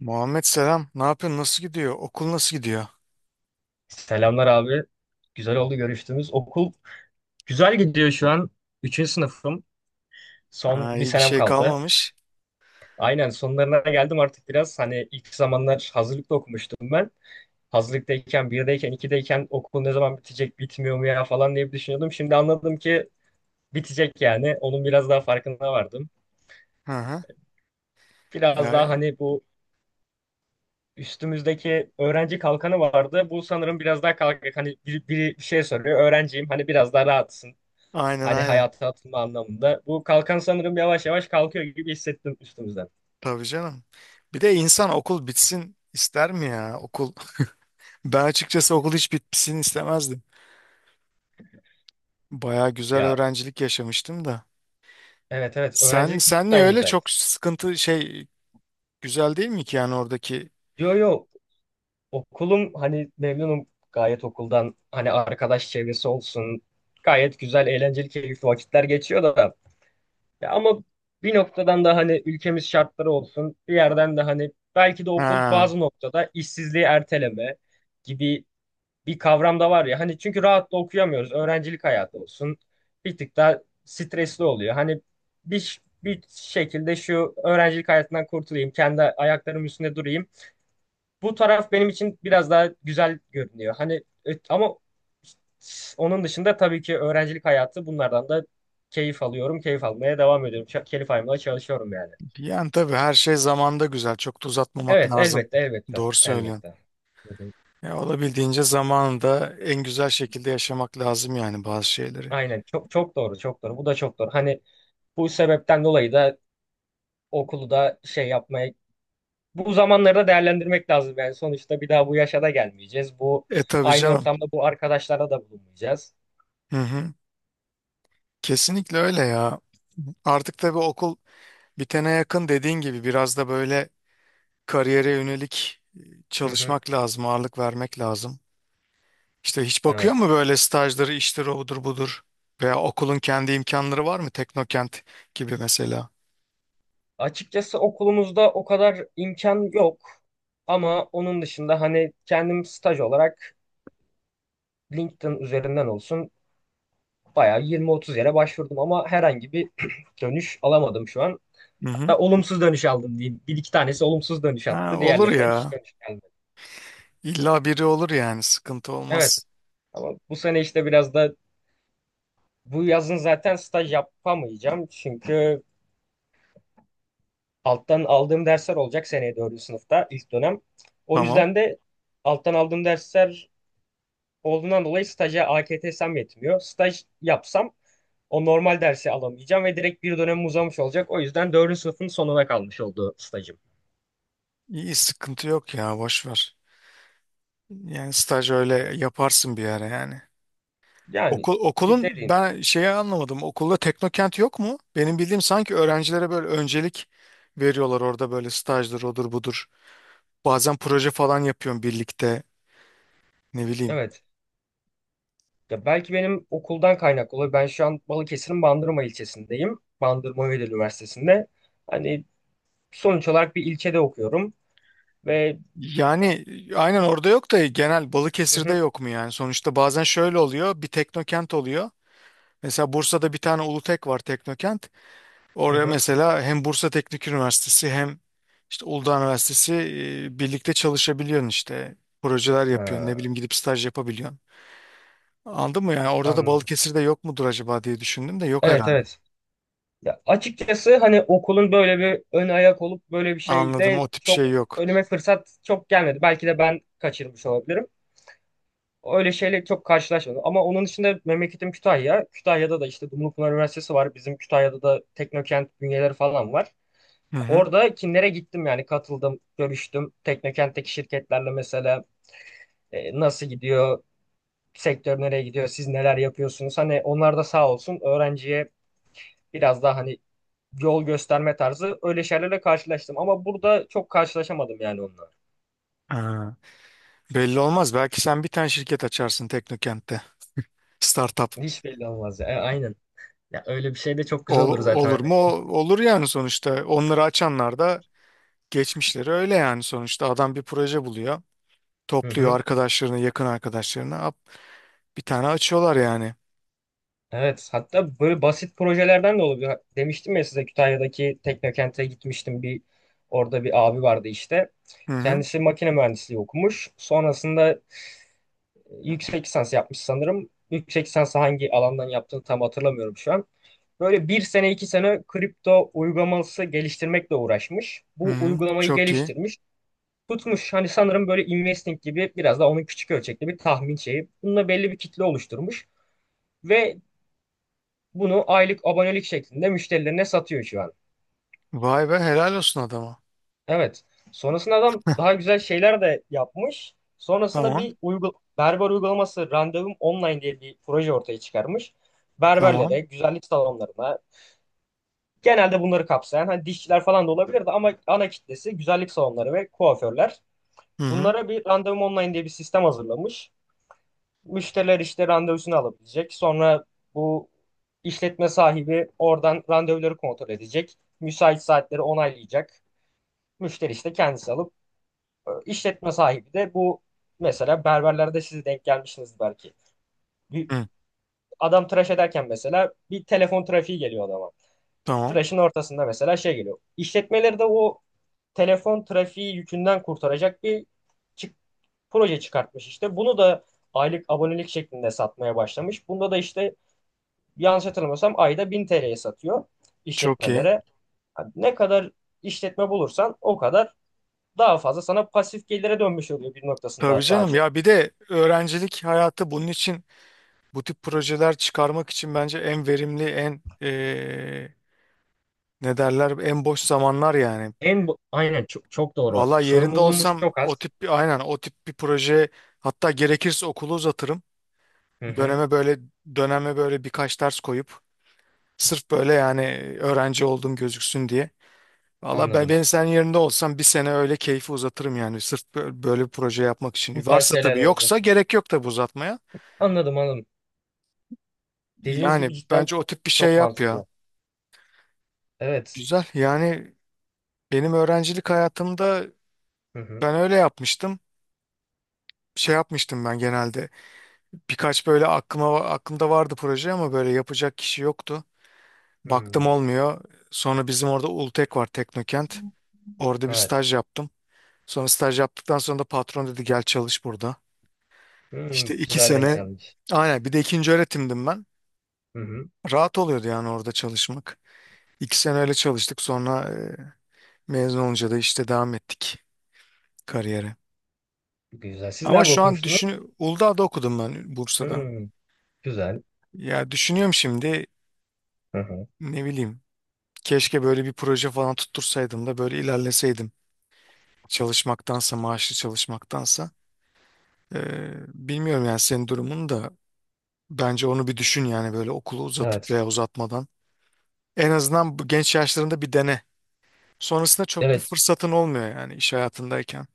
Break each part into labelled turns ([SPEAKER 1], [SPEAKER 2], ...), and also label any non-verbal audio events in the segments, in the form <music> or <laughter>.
[SPEAKER 1] Muhammed selam. Ne yapıyorsun? Nasıl gidiyor? Okul nasıl gidiyor?
[SPEAKER 2] Selamlar abi. Güzel oldu görüştüğümüz. Okul güzel gidiyor şu an. Üçüncü sınıfım. Son
[SPEAKER 1] Ha,
[SPEAKER 2] bir
[SPEAKER 1] iyi bir
[SPEAKER 2] senem
[SPEAKER 1] şey
[SPEAKER 2] kaldı.
[SPEAKER 1] kalmamış.
[SPEAKER 2] Aynen, sonlarına geldim artık biraz. Hani ilk zamanlar hazırlıkta okumuştum ben. Hazırlıktayken, birdeyken, ikideyken okul ne zaman bitecek, bitmiyor mu ya falan diye bir düşünüyordum. Şimdi anladım ki bitecek yani. Onun biraz daha farkına vardım.
[SPEAKER 1] Hı hı.
[SPEAKER 2] Biraz
[SPEAKER 1] Ya,
[SPEAKER 2] daha hani bu üstümüzdeki öğrenci kalkanı vardı. Bu sanırım biraz daha kalkık. Hani biri bir şey soruyor. Öğrenciyim. Hani biraz daha rahatsın.
[SPEAKER 1] aynen
[SPEAKER 2] Hani
[SPEAKER 1] aynen.
[SPEAKER 2] hayata atılma anlamında. Bu kalkan sanırım yavaş yavaş kalkıyor gibi hissettim üstümüzden.
[SPEAKER 1] Tabii canım. Bir de insan okul bitsin ister mi ya? Okul. <laughs> Ben açıkçası okul hiç bitsin istemezdim. Baya güzel
[SPEAKER 2] Ya,
[SPEAKER 1] öğrencilik yaşamıştım da.
[SPEAKER 2] evet, evet,
[SPEAKER 1] Sen
[SPEAKER 2] öğrencilik
[SPEAKER 1] sen niye
[SPEAKER 2] cidden
[SPEAKER 1] öyle
[SPEAKER 2] güzeldi.
[SPEAKER 1] çok sıkıntı şey, güzel değil mi ki yani oradaki?
[SPEAKER 2] Yo, yo, okulum hani memnunum gayet okuldan, hani arkadaş çevresi olsun. Gayet güzel, eğlenceli, keyifli vakitler geçiyor da. Ya ama bir noktadan da hani ülkemiz şartları olsun, bir yerden de hani belki de okul
[SPEAKER 1] Ha.
[SPEAKER 2] bazı noktada işsizliği erteleme gibi bir kavram da var ya hani, çünkü rahat da okuyamıyoruz. Öğrencilik hayatı olsun, bir tık daha stresli oluyor. Hani bir şekilde şu öğrencilik hayatından kurtulayım, kendi ayaklarımın üstünde durayım. Bu taraf benim için biraz daha güzel görünüyor. Hani ama onun dışında tabii ki öğrencilik hayatı, bunlardan da keyif alıyorum, keyif almaya devam ediyorum. Keyif almaya çalışıyorum yani.
[SPEAKER 1] Yani tabii her şey zamanda güzel. Çok da uzatmamak
[SPEAKER 2] Evet,
[SPEAKER 1] lazım.
[SPEAKER 2] elbette, elbette,
[SPEAKER 1] Doğru söylüyorsun.
[SPEAKER 2] elbette. Hı hı.
[SPEAKER 1] Ya olabildiğince zamanında en güzel şekilde yaşamak lazım yani bazı şeyleri.
[SPEAKER 2] Aynen, çok çok doğru, çok doğru, bu da çok doğru. Hani bu sebepten dolayı da okulu da şey yapmaya, bu zamanları da değerlendirmek lazım yani, sonuçta bir daha bu yaşa da gelmeyeceğiz. Bu
[SPEAKER 1] E tabii
[SPEAKER 2] aynı
[SPEAKER 1] canım.
[SPEAKER 2] ortamda bu arkadaşlara da bulunmayacağız.
[SPEAKER 1] Hı hı. Kesinlikle öyle ya. Artık tabii okul bitene yakın dediğin gibi biraz da böyle kariyere yönelik
[SPEAKER 2] Hı hı.
[SPEAKER 1] çalışmak lazım, ağırlık vermek lazım. İşte hiç bakıyor
[SPEAKER 2] Evet.
[SPEAKER 1] mu böyle stajdır, iştir, odur budur? Veya okulun kendi imkanları var mı? Teknokent gibi mesela.
[SPEAKER 2] Açıkçası okulumuzda o kadar imkan yok, ama onun dışında hani kendim staj olarak LinkedIn üzerinden olsun bayağı 20-30 yere başvurdum, ama herhangi bir <clears throat> dönüş alamadım şu an.
[SPEAKER 1] Hı hı.
[SPEAKER 2] Hatta olumsuz dönüş aldım diyeyim. Bir iki tanesi olumsuz dönüş
[SPEAKER 1] Ha,
[SPEAKER 2] attı.
[SPEAKER 1] olur
[SPEAKER 2] Diğerlerinden hiç
[SPEAKER 1] ya.
[SPEAKER 2] dönüş gelmedi.
[SPEAKER 1] İlla biri olur yani sıkıntı
[SPEAKER 2] Evet.
[SPEAKER 1] olmaz.
[SPEAKER 2] Ama bu sene işte biraz da bu yazın zaten staj yapamayacağım. Çünkü alttan aldığım dersler olacak seneye dördüncü sınıfta ilk dönem. O
[SPEAKER 1] Tamam.
[SPEAKER 2] yüzden de alttan aldığım dersler olduğundan dolayı staja AKTS'm yetmiyor. Staj yapsam o normal dersi alamayacağım ve direkt bir dönem uzamış olacak. O yüzden dördüncü sınıfın sonuna kalmış oldu stajım.
[SPEAKER 1] İyi sıkıntı yok ya, boş ver. Yani staj öyle
[SPEAKER 2] Evet.
[SPEAKER 1] yaparsın bir ara yani.
[SPEAKER 2] Yani
[SPEAKER 1] Okul, okulun
[SPEAKER 2] cidden
[SPEAKER 1] ben şeyi anlamadım. Okulda Teknokent yok mu? Benim bildiğim sanki öğrencilere böyle öncelik veriyorlar orada, böyle stajdır odur budur. Bazen proje falan yapıyorum birlikte, ne bileyim.
[SPEAKER 2] evet. Ya belki benim okuldan kaynaklı oluyor. Ben şu an Balıkesir'in Bandırma ilçesindeyim. Bandırma Vedat Üniversitesi'nde. Hani sonuç olarak bir ilçede okuyorum. Ve
[SPEAKER 1] Yani aynen orada yok da genel
[SPEAKER 2] hı
[SPEAKER 1] Balıkesir'de
[SPEAKER 2] hı,
[SPEAKER 1] yok mu yani? Sonuçta bazen şöyle oluyor, bir Teknokent oluyor. Mesela Bursa'da bir tane Ulutek var, Teknokent.
[SPEAKER 2] hı
[SPEAKER 1] Oraya
[SPEAKER 2] hı.
[SPEAKER 1] mesela hem Bursa Teknik Üniversitesi hem işte Uludağ Üniversitesi birlikte çalışabiliyorsun işte. Projeler yapıyorsun, ne
[SPEAKER 2] Ha,
[SPEAKER 1] bileyim, gidip staj yapabiliyorsun. Anladın mı? Yani orada da
[SPEAKER 2] anladım.
[SPEAKER 1] Balıkesir'de yok mudur acaba diye düşündüm de yok
[SPEAKER 2] Evet,
[SPEAKER 1] herhalde.
[SPEAKER 2] evet. Ya açıkçası hani okulun böyle bir ön ayak olup böyle bir
[SPEAKER 1] Anladım,
[SPEAKER 2] şeyle
[SPEAKER 1] o tip
[SPEAKER 2] çok
[SPEAKER 1] şey yok.
[SPEAKER 2] önüme fırsat çok gelmedi. Belki de ben kaçırmış olabilirim. Öyle şeyle çok karşılaşmadım. Ama onun dışında memleketim Kütahya. Kütahya'da da işte Dumlupınar Üniversitesi var. Bizim Kütahya'da da Teknokent bünyeleri falan var.
[SPEAKER 1] Hı hı.
[SPEAKER 2] Orada kimlere gittim, yani katıldım, görüştüm. Teknokent'teki şirketlerle mesela nasıl gidiyor, sektör nereye gidiyor, siz neler yapıyorsunuz. Hani onlar da sağ olsun öğrenciye biraz daha hani yol gösterme tarzı öyle şeylerle karşılaştım. Ama burada çok karşılaşamadım yani onunla.
[SPEAKER 1] Ha. Belli olmaz. Belki sen bir tane şirket açarsın Teknokent'te. Startup.
[SPEAKER 2] Hiç belli olmaz ya. E, aynen. Ya öyle bir şey de çok güzel olur zaten
[SPEAKER 1] Olur mu?
[SPEAKER 2] hani.
[SPEAKER 1] Olur yani sonuçta. Onları açanlar da geçmişleri öyle yani sonuçta. Adam bir proje buluyor.
[SPEAKER 2] Hı
[SPEAKER 1] Topluyor
[SPEAKER 2] hı.
[SPEAKER 1] arkadaşlarını, yakın arkadaşlarını. Bir tane açıyorlar yani.
[SPEAKER 2] Evet, hatta böyle basit projelerden de olabilir. Demiştim ya size, Kütahya'daki Teknokent'e gitmiştim. Orada bir abi vardı işte.
[SPEAKER 1] Hı hı.
[SPEAKER 2] Kendisi makine mühendisliği okumuş. Sonrasında yüksek lisans yapmış sanırım. Yüksek lisansı hangi alandan yaptığını tam hatırlamıyorum şu an. Böyle bir sene iki sene kripto uygulaması geliştirmekle uğraşmış.
[SPEAKER 1] Hı
[SPEAKER 2] Bu
[SPEAKER 1] hı.
[SPEAKER 2] uygulamayı
[SPEAKER 1] Çok iyi.
[SPEAKER 2] geliştirmiş. Tutmuş hani, sanırım böyle investing gibi biraz da, onun küçük ölçekli bir tahmin şeyi. Bununla belli bir kitle oluşturmuş ve bunu aylık abonelik şeklinde müşterilerine satıyor şu an.
[SPEAKER 1] Vay be, helal olsun adama.
[SPEAKER 2] Evet. Sonrasında adam daha güzel şeyler de yapmış. Sonrasında
[SPEAKER 1] Tamam.
[SPEAKER 2] bir berber uygulaması, Randevum Online diye bir proje ortaya çıkarmış. Berberlere,
[SPEAKER 1] Tamam.
[SPEAKER 2] güzellik salonlarına, genelde bunları kapsayan hani dişçiler falan da olabilir de, ama ana kitlesi güzellik salonları ve kuaförler.
[SPEAKER 1] Hı hı.
[SPEAKER 2] Bunlara bir randevum online diye bir sistem hazırlamış. Müşteriler işte randevusunu alabilecek. Sonra bu işletme sahibi oradan randevuları kontrol edecek. Müsait saatleri onaylayacak. Müşteri işte kendisi alıp, işletme sahibi de bu, mesela berberlerde siz denk gelmişsiniz belki. Bir
[SPEAKER 1] Hı.
[SPEAKER 2] adam tıraş ederken mesela bir telefon trafiği geliyor adama.
[SPEAKER 1] Tamam.
[SPEAKER 2] Tıraşın ortasında mesela şey geliyor. İşletmeleri de o telefon trafiği yükünden kurtaracak bir çık- proje çıkartmış işte. Bunu da aylık abonelik şeklinde satmaya başlamış. Bunda da işte, yanlış hatırlamıyorsam, ayda 1000 TL'ye satıyor
[SPEAKER 1] Çok iyi.
[SPEAKER 2] işletmelere. Yani ne kadar işletme bulursan o kadar daha fazla sana pasif gelire dönmüş oluyor, bir
[SPEAKER 1] Tabii
[SPEAKER 2] noktasında daha
[SPEAKER 1] canım
[SPEAKER 2] çok.
[SPEAKER 1] ya, bir de öğrencilik hayatı bunun için, bu tip projeler çıkarmak için bence en verimli, en ne derler en boş zamanlar yani.
[SPEAKER 2] Aynen çok, çok doğru.
[SPEAKER 1] Valla yerinde
[SPEAKER 2] Sorumluluğumuz
[SPEAKER 1] olsam
[SPEAKER 2] çok
[SPEAKER 1] o
[SPEAKER 2] az.
[SPEAKER 1] tip bir aynen o tip bir proje, hatta gerekirse okulu uzatırım.
[SPEAKER 2] Hı hı,
[SPEAKER 1] Döneme böyle döneme böyle birkaç ders koyup sırf böyle yani öğrenci olduğum gözüksün diye. Valla ben,
[SPEAKER 2] anladım.
[SPEAKER 1] ben senin yerinde olsam bir sene öyle keyfi uzatırım yani sırf böyle bir proje yapmak
[SPEAKER 2] Bu
[SPEAKER 1] için.
[SPEAKER 2] tarz
[SPEAKER 1] Varsa
[SPEAKER 2] şeyler
[SPEAKER 1] tabii,
[SPEAKER 2] orada.
[SPEAKER 1] yoksa gerek yok tabii uzatmaya.
[SPEAKER 2] Anladım, anladım. Dediğiniz
[SPEAKER 1] Yani
[SPEAKER 2] gibi cidden
[SPEAKER 1] bence o tip bir şey
[SPEAKER 2] çok
[SPEAKER 1] yap ya.
[SPEAKER 2] mantıklı. Evet.
[SPEAKER 1] Güzel yani, benim öğrencilik hayatımda
[SPEAKER 2] Hı hı.
[SPEAKER 1] ben öyle yapmıştım. Şey yapmıştım ben genelde. Birkaç böyle aklımda vardı proje ama böyle yapacak kişi yoktu. Baktım
[SPEAKER 2] Hmm,
[SPEAKER 1] olmuyor. Sonra bizim orada Ultek var, Teknokent. Orada bir
[SPEAKER 2] evet.
[SPEAKER 1] staj yaptım. Sonra staj yaptıktan sonra da patron dedi gel çalış burada.
[SPEAKER 2] Hmm,
[SPEAKER 1] İşte iki
[SPEAKER 2] güzel denk
[SPEAKER 1] sene
[SPEAKER 2] gelmiş.
[SPEAKER 1] aynen bir de ikinci öğretimdim ben.
[SPEAKER 2] Hı hı.
[SPEAKER 1] Rahat oluyordu yani orada çalışmak. 2 sene çalıştık sonra mezun olunca da işte devam ettik kariyere.
[SPEAKER 2] Güzel. Siz
[SPEAKER 1] Ama
[SPEAKER 2] nerede
[SPEAKER 1] şu an
[SPEAKER 2] okumuştunuz?
[SPEAKER 1] düşün, Uludağ'da okudum ben, Bursa'da.
[SPEAKER 2] Hmm, güzel.
[SPEAKER 1] Ya düşünüyorum şimdi,
[SPEAKER 2] Hı hı.
[SPEAKER 1] ne bileyim, keşke böyle bir proje falan tuttursaydım da böyle ilerleseydim. Çalışmaktansa, maaşlı çalışmaktansa. E, Bilmiyorum yani, senin durumun da, bence onu bir düşün yani, böyle okulu uzatıp
[SPEAKER 2] Evet.
[SPEAKER 1] veya uzatmadan. En azından bu genç yaşlarında bir dene. Sonrasında çok bir
[SPEAKER 2] Evet.
[SPEAKER 1] fırsatın olmuyor yani iş hayatındayken.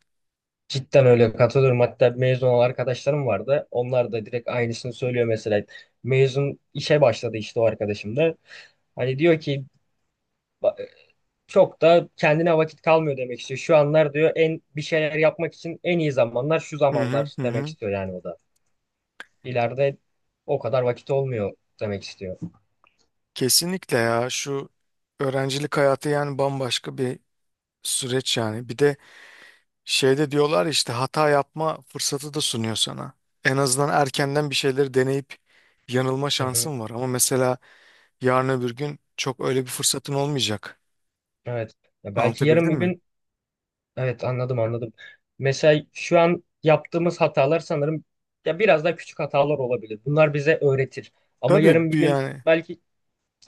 [SPEAKER 2] Cidden öyle, katılıyorum. Hatta mezun olan arkadaşlarım vardı. Onlar da direkt aynısını söylüyor mesela. Mezun işe başladı işte o arkadaşım da. Hani diyor ki, "Ba- çok da kendine vakit kalmıyor," demek istiyor. Şu anlar diyor, en bir şeyler yapmak için en iyi zamanlar şu
[SPEAKER 1] Hı hı
[SPEAKER 2] zamanlar
[SPEAKER 1] hı.
[SPEAKER 2] demek
[SPEAKER 1] Hı.
[SPEAKER 2] istiyor yani o da. İleride o kadar vakit olmuyor demek istiyor.
[SPEAKER 1] Kesinlikle ya, şu öğrencilik hayatı yani bambaşka bir süreç yani. Bir de şeyde diyorlar ya işte, hata yapma fırsatı da sunuyor sana. En azından erkenden bir şeyleri deneyip yanılma
[SPEAKER 2] Hı hı.
[SPEAKER 1] şansın var. Ama mesela yarın öbür gün çok öyle bir fırsatın olmayacak.
[SPEAKER 2] Evet. Ya belki yarın
[SPEAKER 1] Anlatabildim
[SPEAKER 2] bir
[SPEAKER 1] mi?
[SPEAKER 2] gün. Evet, anladım, anladım. Mesela şu an yaptığımız hatalar sanırım ya biraz daha küçük hatalar olabilir. Bunlar bize öğretir. Ama
[SPEAKER 1] Tabii
[SPEAKER 2] yarın bir
[SPEAKER 1] bir
[SPEAKER 2] gün
[SPEAKER 1] yani.
[SPEAKER 2] belki,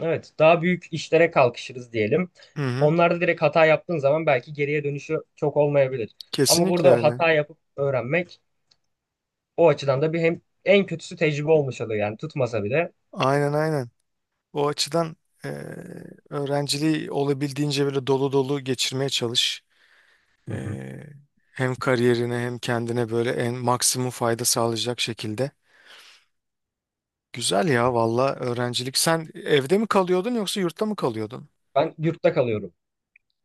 [SPEAKER 2] evet, daha büyük işlere kalkışırız diyelim.
[SPEAKER 1] Hı hı.
[SPEAKER 2] Onlarda direkt hata yaptığın zaman belki geriye dönüşü çok olmayabilir. Ama
[SPEAKER 1] Kesinlikle
[SPEAKER 2] burada
[SPEAKER 1] öyle.
[SPEAKER 2] hata yapıp öğrenmek, o açıdan da bir hem en kötüsü tecrübe olmuş oluyor yani, tutmasa bile.
[SPEAKER 1] Aynen aynen. O açıdan e, öğrenciliği olabildiğince böyle dolu dolu geçirmeye çalış.
[SPEAKER 2] Hı hı.
[SPEAKER 1] E, Hem kariyerine hem kendine böyle en maksimum fayda sağlayacak şekilde. Güzel ya valla, öğrencilik. Sen evde mi kalıyordun yoksa yurtta mı kalıyordun?
[SPEAKER 2] Ben yurtta kalıyorum.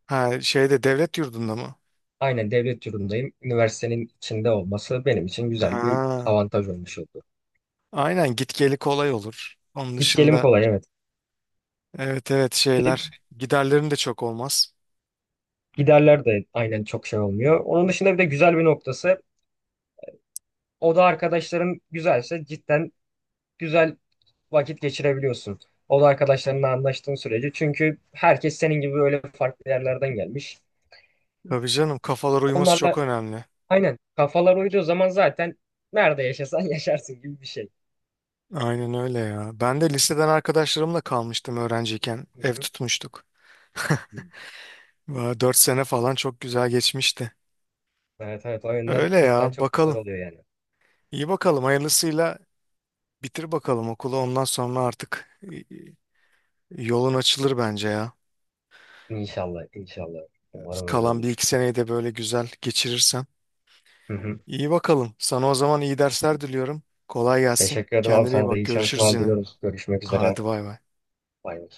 [SPEAKER 1] Ha, şeyde, devlet yurdunda mı?
[SPEAKER 2] Aynen, devlet yurdundayım. Üniversitenin içinde olması benim için güzel bir
[SPEAKER 1] Ha,
[SPEAKER 2] avantaj olmuş oldu.
[SPEAKER 1] aynen, git geli kolay olur. Onun
[SPEAKER 2] Git gelim
[SPEAKER 1] dışında
[SPEAKER 2] kolay, evet.
[SPEAKER 1] evet evet, şeyler, giderlerin de çok olmaz.
[SPEAKER 2] Giderler de aynen çok şey olmuyor. Onun dışında bir de güzel bir noktası: oda arkadaşların güzelse cidden güzel vakit geçirebiliyorsun. Oda arkadaşlarınla anlaştığın sürece. Çünkü herkes senin gibi böyle farklı yerlerden gelmiş.
[SPEAKER 1] Tabii canım, kafalar uyuması çok
[SPEAKER 2] Onlarla
[SPEAKER 1] önemli.
[SPEAKER 2] aynen kafalar uyduğu zaman zaten nerede yaşasan <laughs> yaşarsın gibi bir şey.
[SPEAKER 1] Aynen öyle ya. Ben de liseden arkadaşlarımla kalmıştım öğrenciyken.
[SPEAKER 2] Hı
[SPEAKER 1] Ev
[SPEAKER 2] hı.
[SPEAKER 1] tutmuştuk. <laughs> 4 sene çok güzel geçmişti.
[SPEAKER 2] Evet, evet, o yönden
[SPEAKER 1] Öyle
[SPEAKER 2] cidden
[SPEAKER 1] ya
[SPEAKER 2] çok güzel
[SPEAKER 1] bakalım.
[SPEAKER 2] oluyor yani.
[SPEAKER 1] İyi bakalım, hayırlısıyla bitir bakalım okulu, ondan sonra artık yolun açılır bence ya.
[SPEAKER 2] İnşallah, inşallah. Umarım öyle
[SPEAKER 1] Kalan bir
[SPEAKER 2] olur.
[SPEAKER 1] iki seneyi de böyle güzel geçirirsen.
[SPEAKER 2] Hı hı.
[SPEAKER 1] İyi bakalım. Sana o zaman iyi dersler diliyorum. Kolay gelsin.
[SPEAKER 2] Teşekkür ederim abi,
[SPEAKER 1] Kendine iyi
[SPEAKER 2] sana da
[SPEAKER 1] bak.
[SPEAKER 2] iyi
[SPEAKER 1] Görüşürüz
[SPEAKER 2] çalışmalar
[SPEAKER 1] yine.
[SPEAKER 2] diliyorum. Görüşmek üzere.
[SPEAKER 1] Hadi bay bay.
[SPEAKER 2] Bay bay.